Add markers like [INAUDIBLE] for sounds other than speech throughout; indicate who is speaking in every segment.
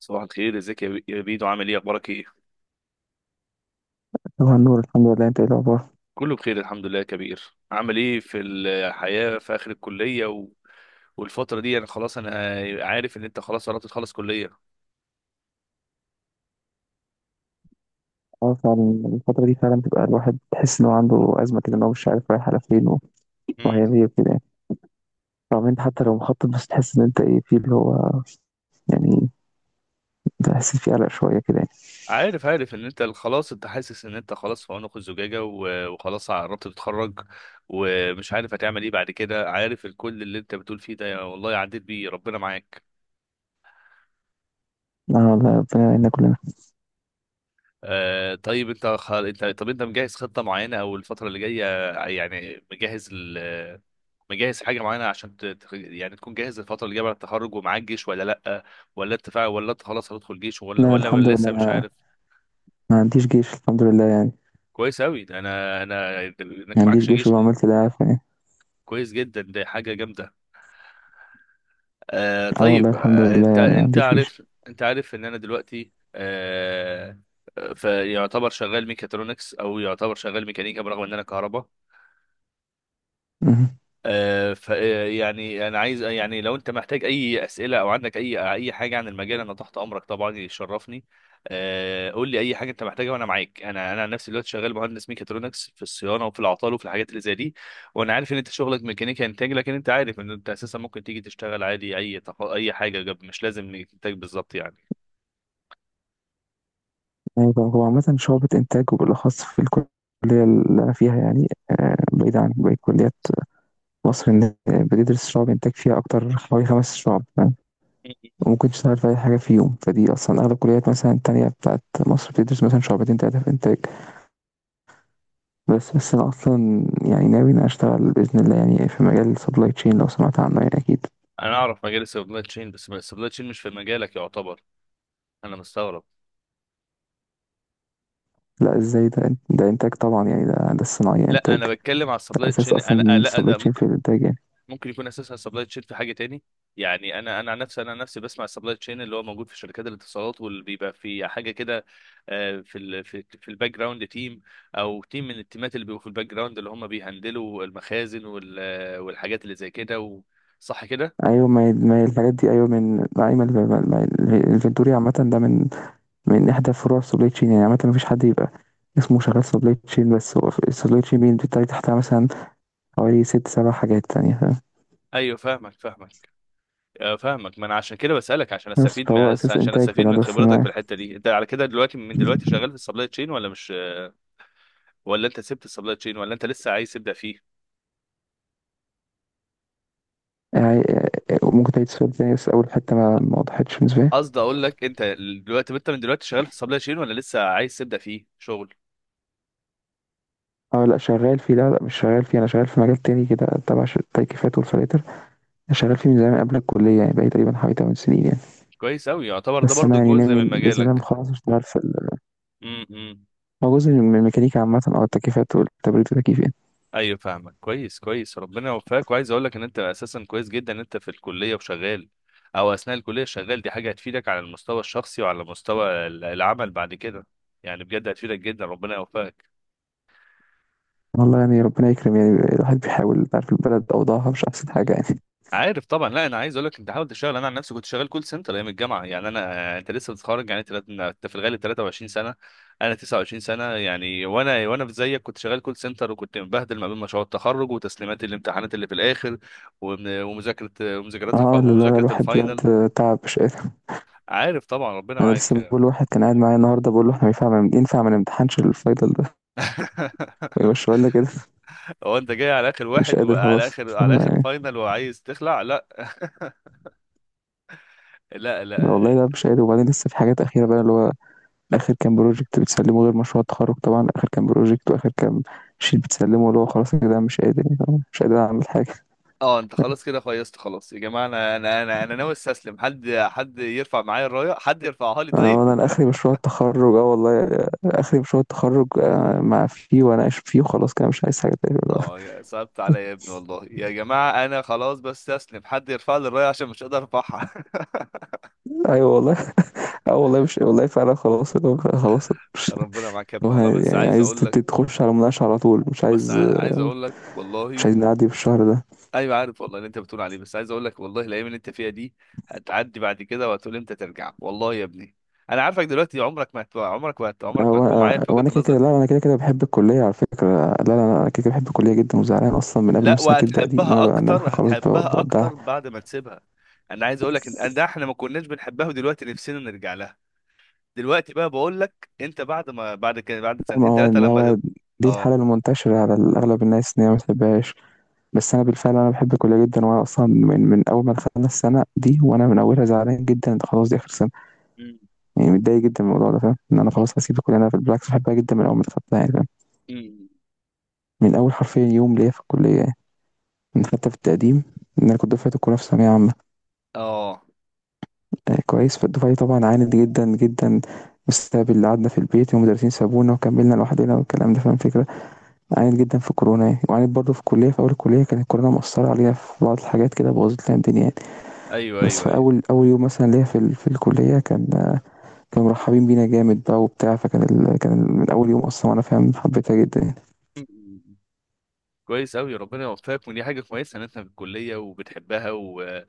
Speaker 1: صباح الخير، ازيك يا بيدو؟ عامل ايه؟ اخبارك ايه؟
Speaker 2: طبعا نور، الحمد لله. انت ايه الاخبار؟
Speaker 1: كله بخير الحمد لله يا كبير. عامل ايه في الحياة، في اخر الكلية والفترة دي، انا عارف ان انت خلاص قربت تخلص كلية.
Speaker 2: اه فعلا الفترة دي فعلا بتبقى الواحد تحس ان هو عنده ازمة كده، ان هو مش عارف رايح على فين
Speaker 1: مم.
Speaker 2: وهيعمل ايه وكده يعني. طبعا انت حتى لو مخطط، بس تحس ان انت ايه في اللي هو يعني، تحس في قلق شوية كده يعني.
Speaker 1: عارف ان انت خلاص، انت حاسس ان انت خلاص في عنق الزجاجة وخلاص قربت تتخرج ومش عارف هتعمل ايه بعد كده. عارف الكل اللي انت بتقول فيه ده، يا والله عديت بيه، ربنا معاك.
Speaker 2: لا والله، ربنا يعيننا كلنا.
Speaker 1: آه طيب، انت خ... انت طب انت مجهز خطة معينة او الفترة اللي جاية؟ يعني مجهز حاجه معينه عشان يعني تكون جاهز الفتره اللي جايه بعد التخرج؟ ومعاك جيش ولا لا؟ ولا انت خلاص هتدخل جيش ولا
Speaker 2: لا الحمد
Speaker 1: ولا
Speaker 2: لله،
Speaker 1: لسه مش
Speaker 2: انا
Speaker 1: عارف؟
Speaker 2: ما عنديش جيش الحمد لله يعني.
Speaker 1: كويس قوي، انا
Speaker 2: ما
Speaker 1: انك
Speaker 2: عنديش
Speaker 1: معكش
Speaker 2: جيش،
Speaker 1: جيش دي
Speaker 2: وعملت ده عارف يعني.
Speaker 1: كويس جدا، دي حاجه جامده.
Speaker 2: اه والله
Speaker 1: طيب،
Speaker 2: الحمد لله،
Speaker 1: انت
Speaker 2: يعني ما
Speaker 1: انت
Speaker 2: عنديش جيش.
Speaker 1: عارف، انت عارف ان انا دلوقتي، فيعتبر شغال ميكاترونكس او يعتبر شغال ميكانيكا برغم ان انا كهرباء.
Speaker 2: مهم.
Speaker 1: فيعني انا عايز، يعني لو انت محتاج اي اسئله او عندك اي حاجه عن المجال انا تحت امرك طبعا، يشرفني. قول لي اي حاجه انت محتاجها وانا معاك. انا عن نفسي دلوقتي شغال مهندس ميكاترونكس في الصيانه وفي العطال وفي الحاجات اللي زي دي. وانا عارف ان انت شغلك ميكانيكا انتاج، لكن انت عارف ان انت اساسا ممكن تيجي تشتغل عادي، اي حاجه مش لازم انتاج بالظبط يعني.
Speaker 2: ايوه، هو عامة شعبة انتاج، وبالاخص في الكلية اللي انا فيها يعني. آه، بعيدة عن باقي الكليات. مصر إن بتدرس شعب إنتاج فيها أكتر، حوالي خمس شعب فاهم. وممكن تشتغل في أي حاجة فيهم. فدي أصلا أغلب الكليات مثلا التانية بتاعت مصر بتدرس مثلا شعبتين تلاتة في إنتاج. بس أنا أصلا يعني ناوي إن أنا أشتغل بإذن الله يعني في مجال سبلاي تشين، لو سمعت عنه يعني أكيد.
Speaker 1: انا اعرف مجال السبلاي تشين، بس السبلاي تشين مش في مجالك يعتبر. انا مستغرب.
Speaker 2: لا ازاي، ده انتاج طبعا يعني، ده الصناعية
Speaker 1: لا
Speaker 2: انتاج
Speaker 1: انا بتكلم على
Speaker 2: ده.
Speaker 1: السبلاي
Speaker 2: اساس
Speaker 1: تشين، انا
Speaker 2: اصلا
Speaker 1: لا
Speaker 2: السبلاي
Speaker 1: انا
Speaker 2: تشين
Speaker 1: ممكن،
Speaker 2: في الانتاج يعني.
Speaker 1: ممكن يكون اساسها السبلاي تشين في حاجه تاني. يعني انا عن نفسي بسمع السبلاي تشين اللي هو موجود في شركات الاتصالات واللي بيبقى في حاجه كده، في ال في في الباك جراوند تيم، او تيم من التيمات اللي بيبقوا في الباك جراوند اللي هم بيهندلوا المخازن وال آه، والحاجات اللي زي كده صح كده؟
Speaker 2: ايوه، ما هي الحاجات دي، ايوه، من ايوه، الفنتوري عامة ده من إحدى فروع سبلاي تشين يعني. عامة مفيش حد يبقى اسمه شغال سبلاي تشين، بس هو السبلاي تشين بيندي تحتها مثلا حوالي ست سبع حاجات تانية فاهم.
Speaker 1: ايوه فاهمك فاهمك، فاهمك، ما انا عشان كده بسالك عشان
Speaker 2: بس
Speaker 1: استفيد من،
Speaker 2: فهو أساس
Speaker 1: عشان
Speaker 2: إنتاج في
Speaker 1: استفيد من
Speaker 2: الهندسة
Speaker 1: خبرتك في
Speaker 2: الصناعية
Speaker 1: الحته دي. انت على كده دلوقتي، من دلوقتي شغال في السبلاي تشين ولا مش، ولا انت سبت السبلاي تشين، ولا انت لسه عايز تبدا فيه؟
Speaker 2: يعني. آه، ممكن تعيد السؤال تاني؟ بس أول حتة ما وضحتش بالنسبة لي.
Speaker 1: قصدي اقول لك انت دلوقتي، انت من دلوقتي شغال في السبلاي تشين ولا لسه عايز تبدا فيه شغل؟
Speaker 2: اه لا شغال فيه، لا مش شغال فيه. أنا شغال في مجال تاني كده تبع التكييفات والفلاتر. أنا شغال فيه من زمان قبل الكلية يعني، بقالي تقريبا حوالي 8 سنين يعني.
Speaker 1: كويس اوي، يعتبر ده
Speaker 2: بس أنا
Speaker 1: برضو
Speaker 2: يعني
Speaker 1: جزء
Speaker 2: ناوي
Speaker 1: من
Speaker 2: بإذن الله لما
Speaker 1: مجالك.
Speaker 2: أخلص أشتغل في
Speaker 1: امم.
Speaker 2: هو جزء من الميكانيكا عامة، أو التكييفات والتبريد والتكييف يعني.
Speaker 1: ايوه فاهمك كويس كويس، ربنا يوفقك. وعايز اقول لك ان انت اساسا كويس جدا ان انت في الكليه وشغال، او اثناء الكليه شغال، دي حاجه هتفيدك على المستوى الشخصي وعلى مستوى العمل بعد كده. يعني بجد هتفيدك جدا، ربنا يوفقك.
Speaker 2: والله يعني ربنا يكرم. يعني الواحد بيحاول، تعرف البلد أوضاعها مش أحسن حاجة يعني.
Speaker 1: عارف طبعا، لا انا عايز اقول لك انت حاول تشتغل. انا عن نفسي كنت شغال كول سنتر ايام الجامعه يعني. انت لسه متخرج يعني، انت في الغالب 23 سنه، انا 29 سنه يعني. وانا في زيك كنت شغال كول سنتر وكنت مبهدل ما بين مشروع التخرج وتسليمات الامتحانات اللي في الاخر ومن- ومذاكره ومذاكرات الف...
Speaker 2: اه لا،
Speaker 1: ومذاكره
Speaker 2: الواحد
Speaker 1: الفاينل.
Speaker 2: بجد تعب، مش قادر.
Speaker 1: عارف طبعا، ربنا
Speaker 2: أنا لسه
Speaker 1: معاك.
Speaker 2: بقول لواحد كان قاعد معايا النهاردة، بقول له احنا ينفع ما نمتحنش الفاينل ده ويمشي
Speaker 1: [LAUGHS]
Speaker 2: لنا كده.
Speaker 1: هو انت جاي على اخر
Speaker 2: مش
Speaker 1: واحد
Speaker 2: قادر
Speaker 1: وعلى
Speaker 2: خلاص،
Speaker 1: اخر على
Speaker 2: فاهم
Speaker 1: اخر
Speaker 2: يعني.
Speaker 1: فاينل، وعايز تخلع؟ لا. [LAUGHS] لا لا.
Speaker 2: والله لا مش قادر. وبعدين لسه في حاجات أخيرة بقى، اللي هو آخر كام بروجكت بتسلمه، غير مشروع التخرج طبعا، آخر كام بروجكت وآخر كام شيت بتسلمه. اللي هو خلاص كده مش قادر يعني، فاهم؟ مش قادر أعمل حاجة.
Speaker 1: اه انت خلاص كده فيصت. خلاص يا جماعه، انا ناوي استسلم، حد يرفع معايا الرايه، حد يرفعها لي، طيب.
Speaker 2: آه، انا اخري مشروع التخرج، اه والله، آه، اخري مشروع التخرج، آه، مع فيه واناقش فيه وخلاص كده مش عايز حاجه تاني
Speaker 1: [LAUGHS]
Speaker 2: دلوقتي.
Speaker 1: اه يا صعبت عليا يا ابني، والله يا جماعه انا خلاص بستسلم، حد يرفع لي الرايه عشان مش قادر ارفعها.
Speaker 2: [LAUGHS] ايوه والله. [LAUGHS] اه والله، مش والله، فعلا خلاص اللي هو خلاص
Speaker 1: [LAUGHS]
Speaker 2: مش،
Speaker 1: ربنا معاك يا
Speaker 2: اللي
Speaker 1: ابني
Speaker 2: هو
Speaker 1: والله، بس
Speaker 2: يعني
Speaker 1: عايز
Speaker 2: عايز
Speaker 1: اقول لك،
Speaker 2: تخش على مناقشه على طول، مش
Speaker 1: بس
Speaker 2: عايز
Speaker 1: عايز
Speaker 2: آه،
Speaker 1: اقول لك
Speaker 2: مش
Speaker 1: والله،
Speaker 2: عايز نعدي في الشهر ده.
Speaker 1: ايوه عارف والله اللي انت بتقول عليه، بس عايز اقول لك والله، الايام اللي انت فيها دي هتعدي بعد كده وهتقول امتى ترجع، والله يا ابني. انا عارفك دلوقتي، عمرك ما هت- عمرك ما هت-
Speaker 2: آه،
Speaker 1: عمرك ما
Speaker 2: هو
Speaker 1: هتكون معايا
Speaker 2: آه،
Speaker 1: في
Speaker 2: هو
Speaker 1: وجهه
Speaker 2: انا كده كده،
Speaker 1: النظر.
Speaker 2: لا انا كده كده بحب الكليه على فكره. لا، انا كده كده بحب الكليه جدا، وزعلان اصلا من قبل ما
Speaker 1: لا
Speaker 2: السنه تبدا دي، ان انا
Speaker 1: وهتحبها
Speaker 2: بقى ان انا
Speaker 1: اكتر،
Speaker 2: خلاص
Speaker 1: هتحبها اكتر
Speaker 2: بودعها.
Speaker 1: بعد ما تسيبها. انا عايز اقول لك ان ده احنا ما كناش بنحبها ودلوقتي نفسنا نرجع لها. دلوقتي بقى بقول لك انت، بعد ما، بعد كده، بعد
Speaker 2: ما
Speaker 1: سنتين
Speaker 2: هو
Speaker 1: ثلاثه،
Speaker 2: ما هو دي الحاله
Speaker 1: اه.
Speaker 2: المنتشره على اغلب الناس، ان هي ما بتحبهاش. بس انا بالفعل انا بحب الكليه جدا، وانا اصلا من، من اول ما دخلنا السنه دي وانا من اولها زعلان جدا، ده خلاص دي اخر سنه
Speaker 1: أمم،
Speaker 2: يعني. متضايق جدا من الموضوع ده، فاهم ان انا خلاص هسيب الكليه. انا بالعكس بحبها جدا من اول ما دخلتها يعني، فاهم.
Speaker 1: أمم.
Speaker 2: من اول حرفيا يوم ليا في الكليه يعني، من حتى في التقديم، ان انا كنت دفعه الكليه في ثانويه عامه.
Speaker 1: اه
Speaker 2: آه كويس، فالدفعه طبعا عانت جدا جدا بسبب اللي قعدنا في البيت، والمدرسين سابونا وكملنا لوحدنا والكلام ده، فاهم الفكره. عانت جدا في كورونا يعني، وعانت برضه في الكليه، في اول الكليه كانت الكورونا مؤثره علينا في بعض الحاجات كده، بوظت لنا الدنيا يعني.
Speaker 1: ايوه
Speaker 2: بس
Speaker 1: ايوه
Speaker 2: في
Speaker 1: ايوه.
Speaker 2: اول اول يوم مثلا ليا في في الكليه، كان كانوا مرحبين بينا جامد بقى وبتاع. فكان من اول يوم اصلا وانا فاهم حبيتها جدا يعني.
Speaker 1: أمم، أمم. كويس قوي، ربنا يوفقك. ودي حاجه كويسه ان انت في الكليه وبتحبها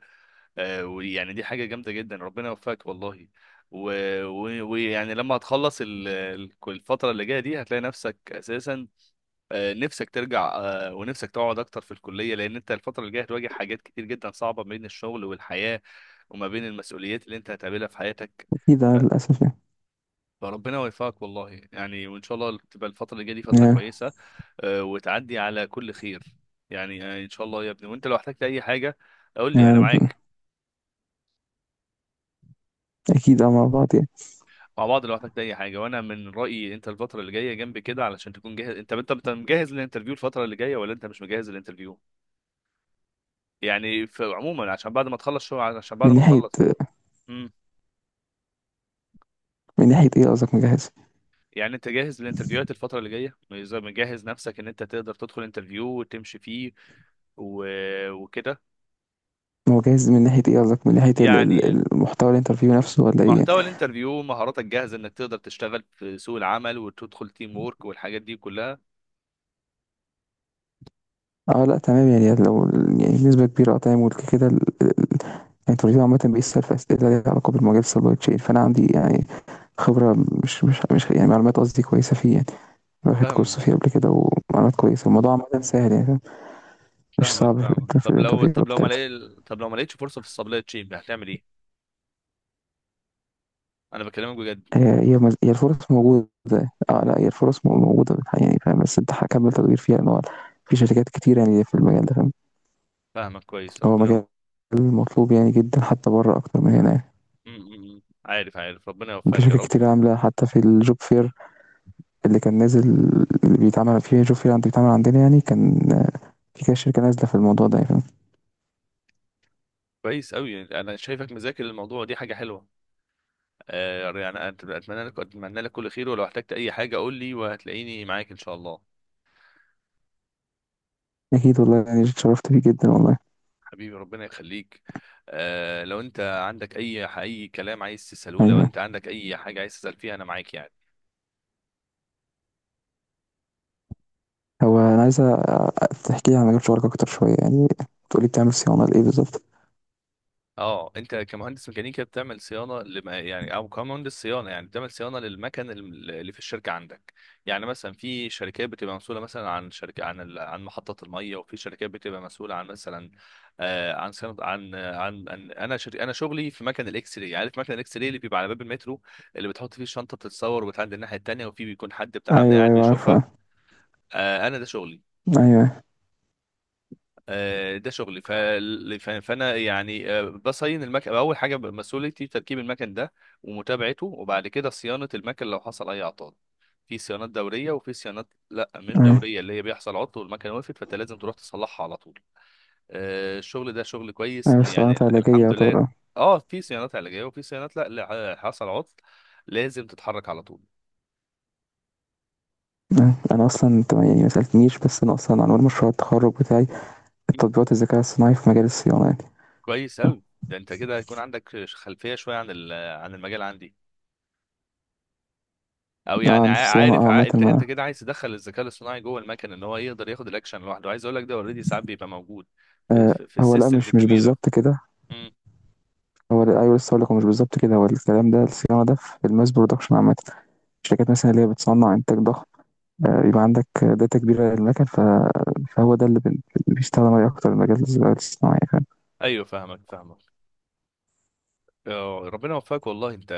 Speaker 1: ويعني دي حاجه جامده جدا، ربنا يوفقك والله. و- و- ويعني لما هتخلص الفتره اللي جايه دي هتلاقي نفسك اساسا، نفسك ترجع، ونفسك تقعد اكتر في الكليه، لان انت الفتره اللي جايه هتواجه حاجات كتير جدا صعبه ما بين الشغل والحياه، وما بين المسؤوليات اللي انت هتقابلها في حياتك.
Speaker 2: اكيد
Speaker 1: ف-
Speaker 2: آه، للاسف يعني.
Speaker 1: فربنا يوفقك والله يعني، وان شاء الله تبقى الفتره اللي جايه دي فتره
Speaker 2: يعني
Speaker 1: كويسه، وتعدي على كل خير. يعني ان شاء الله يا ابني. وانت لو احتجت اي حاجه قول لي، انا
Speaker 2: يعني
Speaker 1: معاك.
Speaker 2: اكيد، اه مع بعض يعني.
Speaker 1: مع بعض لو احتجت اي حاجه. وانا من رايي انت الفتره اللي جايه جنبي كده علشان تكون جاهز. انت انت أنت مجهز للانترفيو الفتره اللي جايه ولا انت مش مجهز للانترفيو؟ يعني في عموما عشان بعد ما تخلص، شو عشان بعد
Speaker 2: من
Speaker 1: ما
Speaker 2: ناحيه،
Speaker 1: تخلص. امم.
Speaker 2: من ناحيه ايه قصدك مجهز؟
Speaker 1: يعني انت جاهز للانترفيوهات الفترة اللي جاية، زي مجهز نفسك ان انت تقدر تدخل انترفيو وتمشي فيه و... وكده
Speaker 2: هو جاهز من ناحيه ايه قصدك؟ من ناحيه
Speaker 1: يعني.
Speaker 2: المحتوى الانترفيو نفسه ولا ايه يعني؟
Speaker 1: محتوى الانترفيو، مهاراتك جاهزة انك تقدر تشتغل في سوق العمل وتدخل تيم وورك والحاجات دي كلها؟
Speaker 2: اه لا تمام يعني، لو يعني بنسبه كبيره، اه تمام. وكده كده الانترفيو عامه بيسال في اسئله ليها علاقه بالمجال السبلاي تشين، فانا عندي يعني خبره، مش يعني معلومات قصدي كويسه فيه يعني. واخد
Speaker 1: فاهم.
Speaker 2: كورس فيه قبل كده ومعلومات كويسة. الموضوع عامة سهل يعني، فاهم؟ مش
Speaker 1: فاهمك
Speaker 2: صعب في
Speaker 1: فاهمك،
Speaker 2: في
Speaker 1: طب لو،
Speaker 2: الانترفيو
Speaker 1: طب لو ما
Speaker 2: بتاعتها.
Speaker 1: لقي... طب لو ما لقيتش فرصة في السبلاي تشين هتعمل ايه؟ انا بكلمك بجد.
Speaker 2: هي الفرص موجودة. اه لا، هي الفرص موجودة بالحقيقة يعني، فاهم. بس انت هكمل تدوير فيها، ان هو في شركات كتير يعني في المجال ده، فاهم.
Speaker 1: فاهمك كويس،
Speaker 2: هو
Speaker 1: ربنا.
Speaker 2: مجال مطلوب يعني جدا، حتى بره أكتر من هنا يعني.
Speaker 1: أمم، أمم. عارف ربنا
Speaker 2: في
Speaker 1: يوفقك يا
Speaker 2: شركات
Speaker 1: رب.
Speaker 2: كتير عاملة، حتى في الجوب فير اللي كان نازل، اللي بيتعمل في جوب فير عند، بيتعمل عندنا يعني. كان في كده شركة نازلة في الموضوع ده يعني، فاهم.
Speaker 1: كويس قوي، انا شايفك مذاكر الموضوع، دي حاجه حلوه. يعني اتمنى لك كل خير، ولو احتجت اي حاجه قول لي وهتلاقيني معاك ان شاء الله.
Speaker 2: أكيد والله يعني، اتشرفت بيه جدا والله.
Speaker 1: حبيبي ربنا يخليك. لو انت عندك اي كلام عايز تساله، لو
Speaker 2: أيوه،
Speaker 1: انت عندك اي حاجه عايز تسال فيها انا معاك يعني.
Speaker 2: هو أنا عايز تحكي لي عن مجال شغلك أكتر شوية يعني. تقولي بتعمل صيانة لإيه بالظبط؟
Speaker 1: اه انت كمهندس ميكانيكا بتعمل صيانه لما يعني، او كمهندس صيانه يعني بتعمل صيانه للمكن، اللي في الشركه عندك. يعني مثلا في شركات بتبقى مسؤوله مثلا عن شركه عن ال- عن محطه الميه، وفي شركات بتبقى مسؤوله عن مثلا، عن صيانه، انا شغلي في مكن الاكس راي. عارف مكن الاكس راي اللي بيبقى على باب المترو، اللي بتحط فيه الشنطه بتتصور وبتعدي الناحيه التانيه وفي بيكون حد بتاع امن
Speaker 2: ايوه
Speaker 1: قاعد
Speaker 2: ايوه،
Speaker 1: بيشوفها؟
Speaker 2: عارفه.
Speaker 1: انا ده شغلي.
Speaker 2: ايوه
Speaker 1: ده شغلي فانا يعني بصين المكن، اول حاجه مسؤوليتي تركيب المكن ده ومتابعته، وبعد كده صيانه المكن لو حصل اي اعطال. في صيانات دوريه وفي صيانات لا مش
Speaker 2: ايوه
Speaker 1: دوريه، اللي هي بيحصل عطل والمكنه وقفت فانت لازم تروح تصلحها على طول. الشغل ده شغل كويس
Speaker 2: ايوه،
Speaker 1: يعني،
Speaker 2: الصناعات
Speaker 1: ال-
Speaker 2: علاجيه
Speaker 1: الحمد لله.
Speaker 2: يعتبر، اه.
Speaker 1: اه في صيانات علاجيه وفي صيانات لا، لا حصل عطل لازم تتحرك على طول.
Speaker 2: أيوة. أنا أصلا أنت يعني ما سألتنيش، بس أنا أصلا عنوان مشروع التخرج بتاعي تطبيقات الذكاء الصناعي في مجال الصيانة يعني.
Speaker 1: كويس قوي. ده انت كده هيكون عندك خلفيه شويه عن عن المجال عندي. او
Speaker 2: اه
Speaker 1: يعني
Speaker 2: عند
Speaker 1: عا-
Speaker 2: الصيانه، اه
Speaker 1: عارف عا...
Speaker 2: عامه
Speaker 1: انت انت كده عايز تدخل الذكاء الاصطناعي جوه المكن ان هو يقدر ياخد الاكشن لوحده. عايز اقول لك ده اوريدي ساعات بيبقى موجود في
Speaker 2: آه،
Speaker 1: في, في
Speaker 2: هو لأ
Speaker 1: السيستمز
Speaker 2: مش
Speaker 1: الكبيره.
Speaker 2: بالظبط كده.
Speaker 1: امم.
Speaker 2: هو لأ، أيوه لسه هقول لك، هو مش بالظبط كده. هو الكلام ده، الصيانة ده في الماس برودكشن عامة، الشركات مثلا اللي هي بتصنع إنتاج ضخم. آه، يبقى عندك داتا كبيرة للمكن، فهو ده اللي بيستخدم عليه أكتر، المجال الذكاء الصناعي.
Speaker 1: ايوه فاهمك فاهمك، ربنا يوفقك والله. انت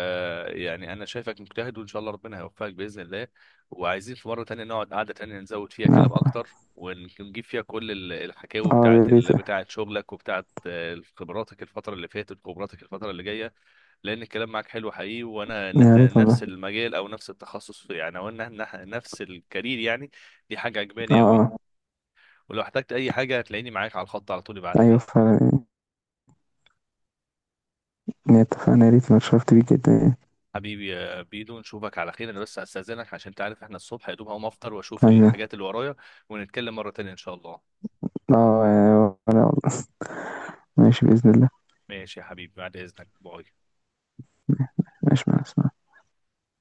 Speaker 1: يعني انا شايفك مجتهد، وان شاء الله ربنا هيوفقك باذن الله. وعايزين في مره تانية نقعد قعده تانية نزود فيها كلام
Speaker 2: اه،
Speaker 1: اكتر، ونجيب فيها كل الحكاوي
Speaker 2: آه، يا
Speaker 1: بتاعت
Speaker 2: ريت.
Speaker 1: بتاعت شغلك وبتاعت خبراتك الفتره اللي فاتت وخبراتك الفتره اللي جايه، لان الكلام معاك حلو حقيقي، وانا ان
Speaker 2: يا
Speaker 1: احنا
Speaker 2: ريت
Speaker 1: نفس
Speaker 2: والله.
Speaker 1: المجال او نفس التخصص في يعني، او ان إحنا نفس الكارير يعني. دي حاجه
Speaker 2: اه.
Speaker 1: عجباني قوي.
Speaker 2: اه.
Speaker 1: ولو احتجت اي حاجه هتلاقيني معاك على الخط على طول، ابعت
Speaker 2: ايوه
Speaker 1: لي.
Speaker 2: فعلا يعني. يعني اتفقنا، يا ريت، انا اتشرفت بيك جدا يعني.
Speaker 1: حبيبي يا بيدو، نشوفك على خير. انا بس استاذنك، عشان تعرف احنا الصبح، يا دوب هقوم افطر واشوف
Speaker 2: ايوه.
Speaker 1: الحاجات اللي ورايا، ونتكلم مره تانية ان شاء الله.
Speaker 2: اه. آه، ولا والله. ماشي بإذن الله.
Speaker 1: ماشي يا حبيبي، بعد اذنك، باي.
Speaker 2: ماشي، مع السلامة.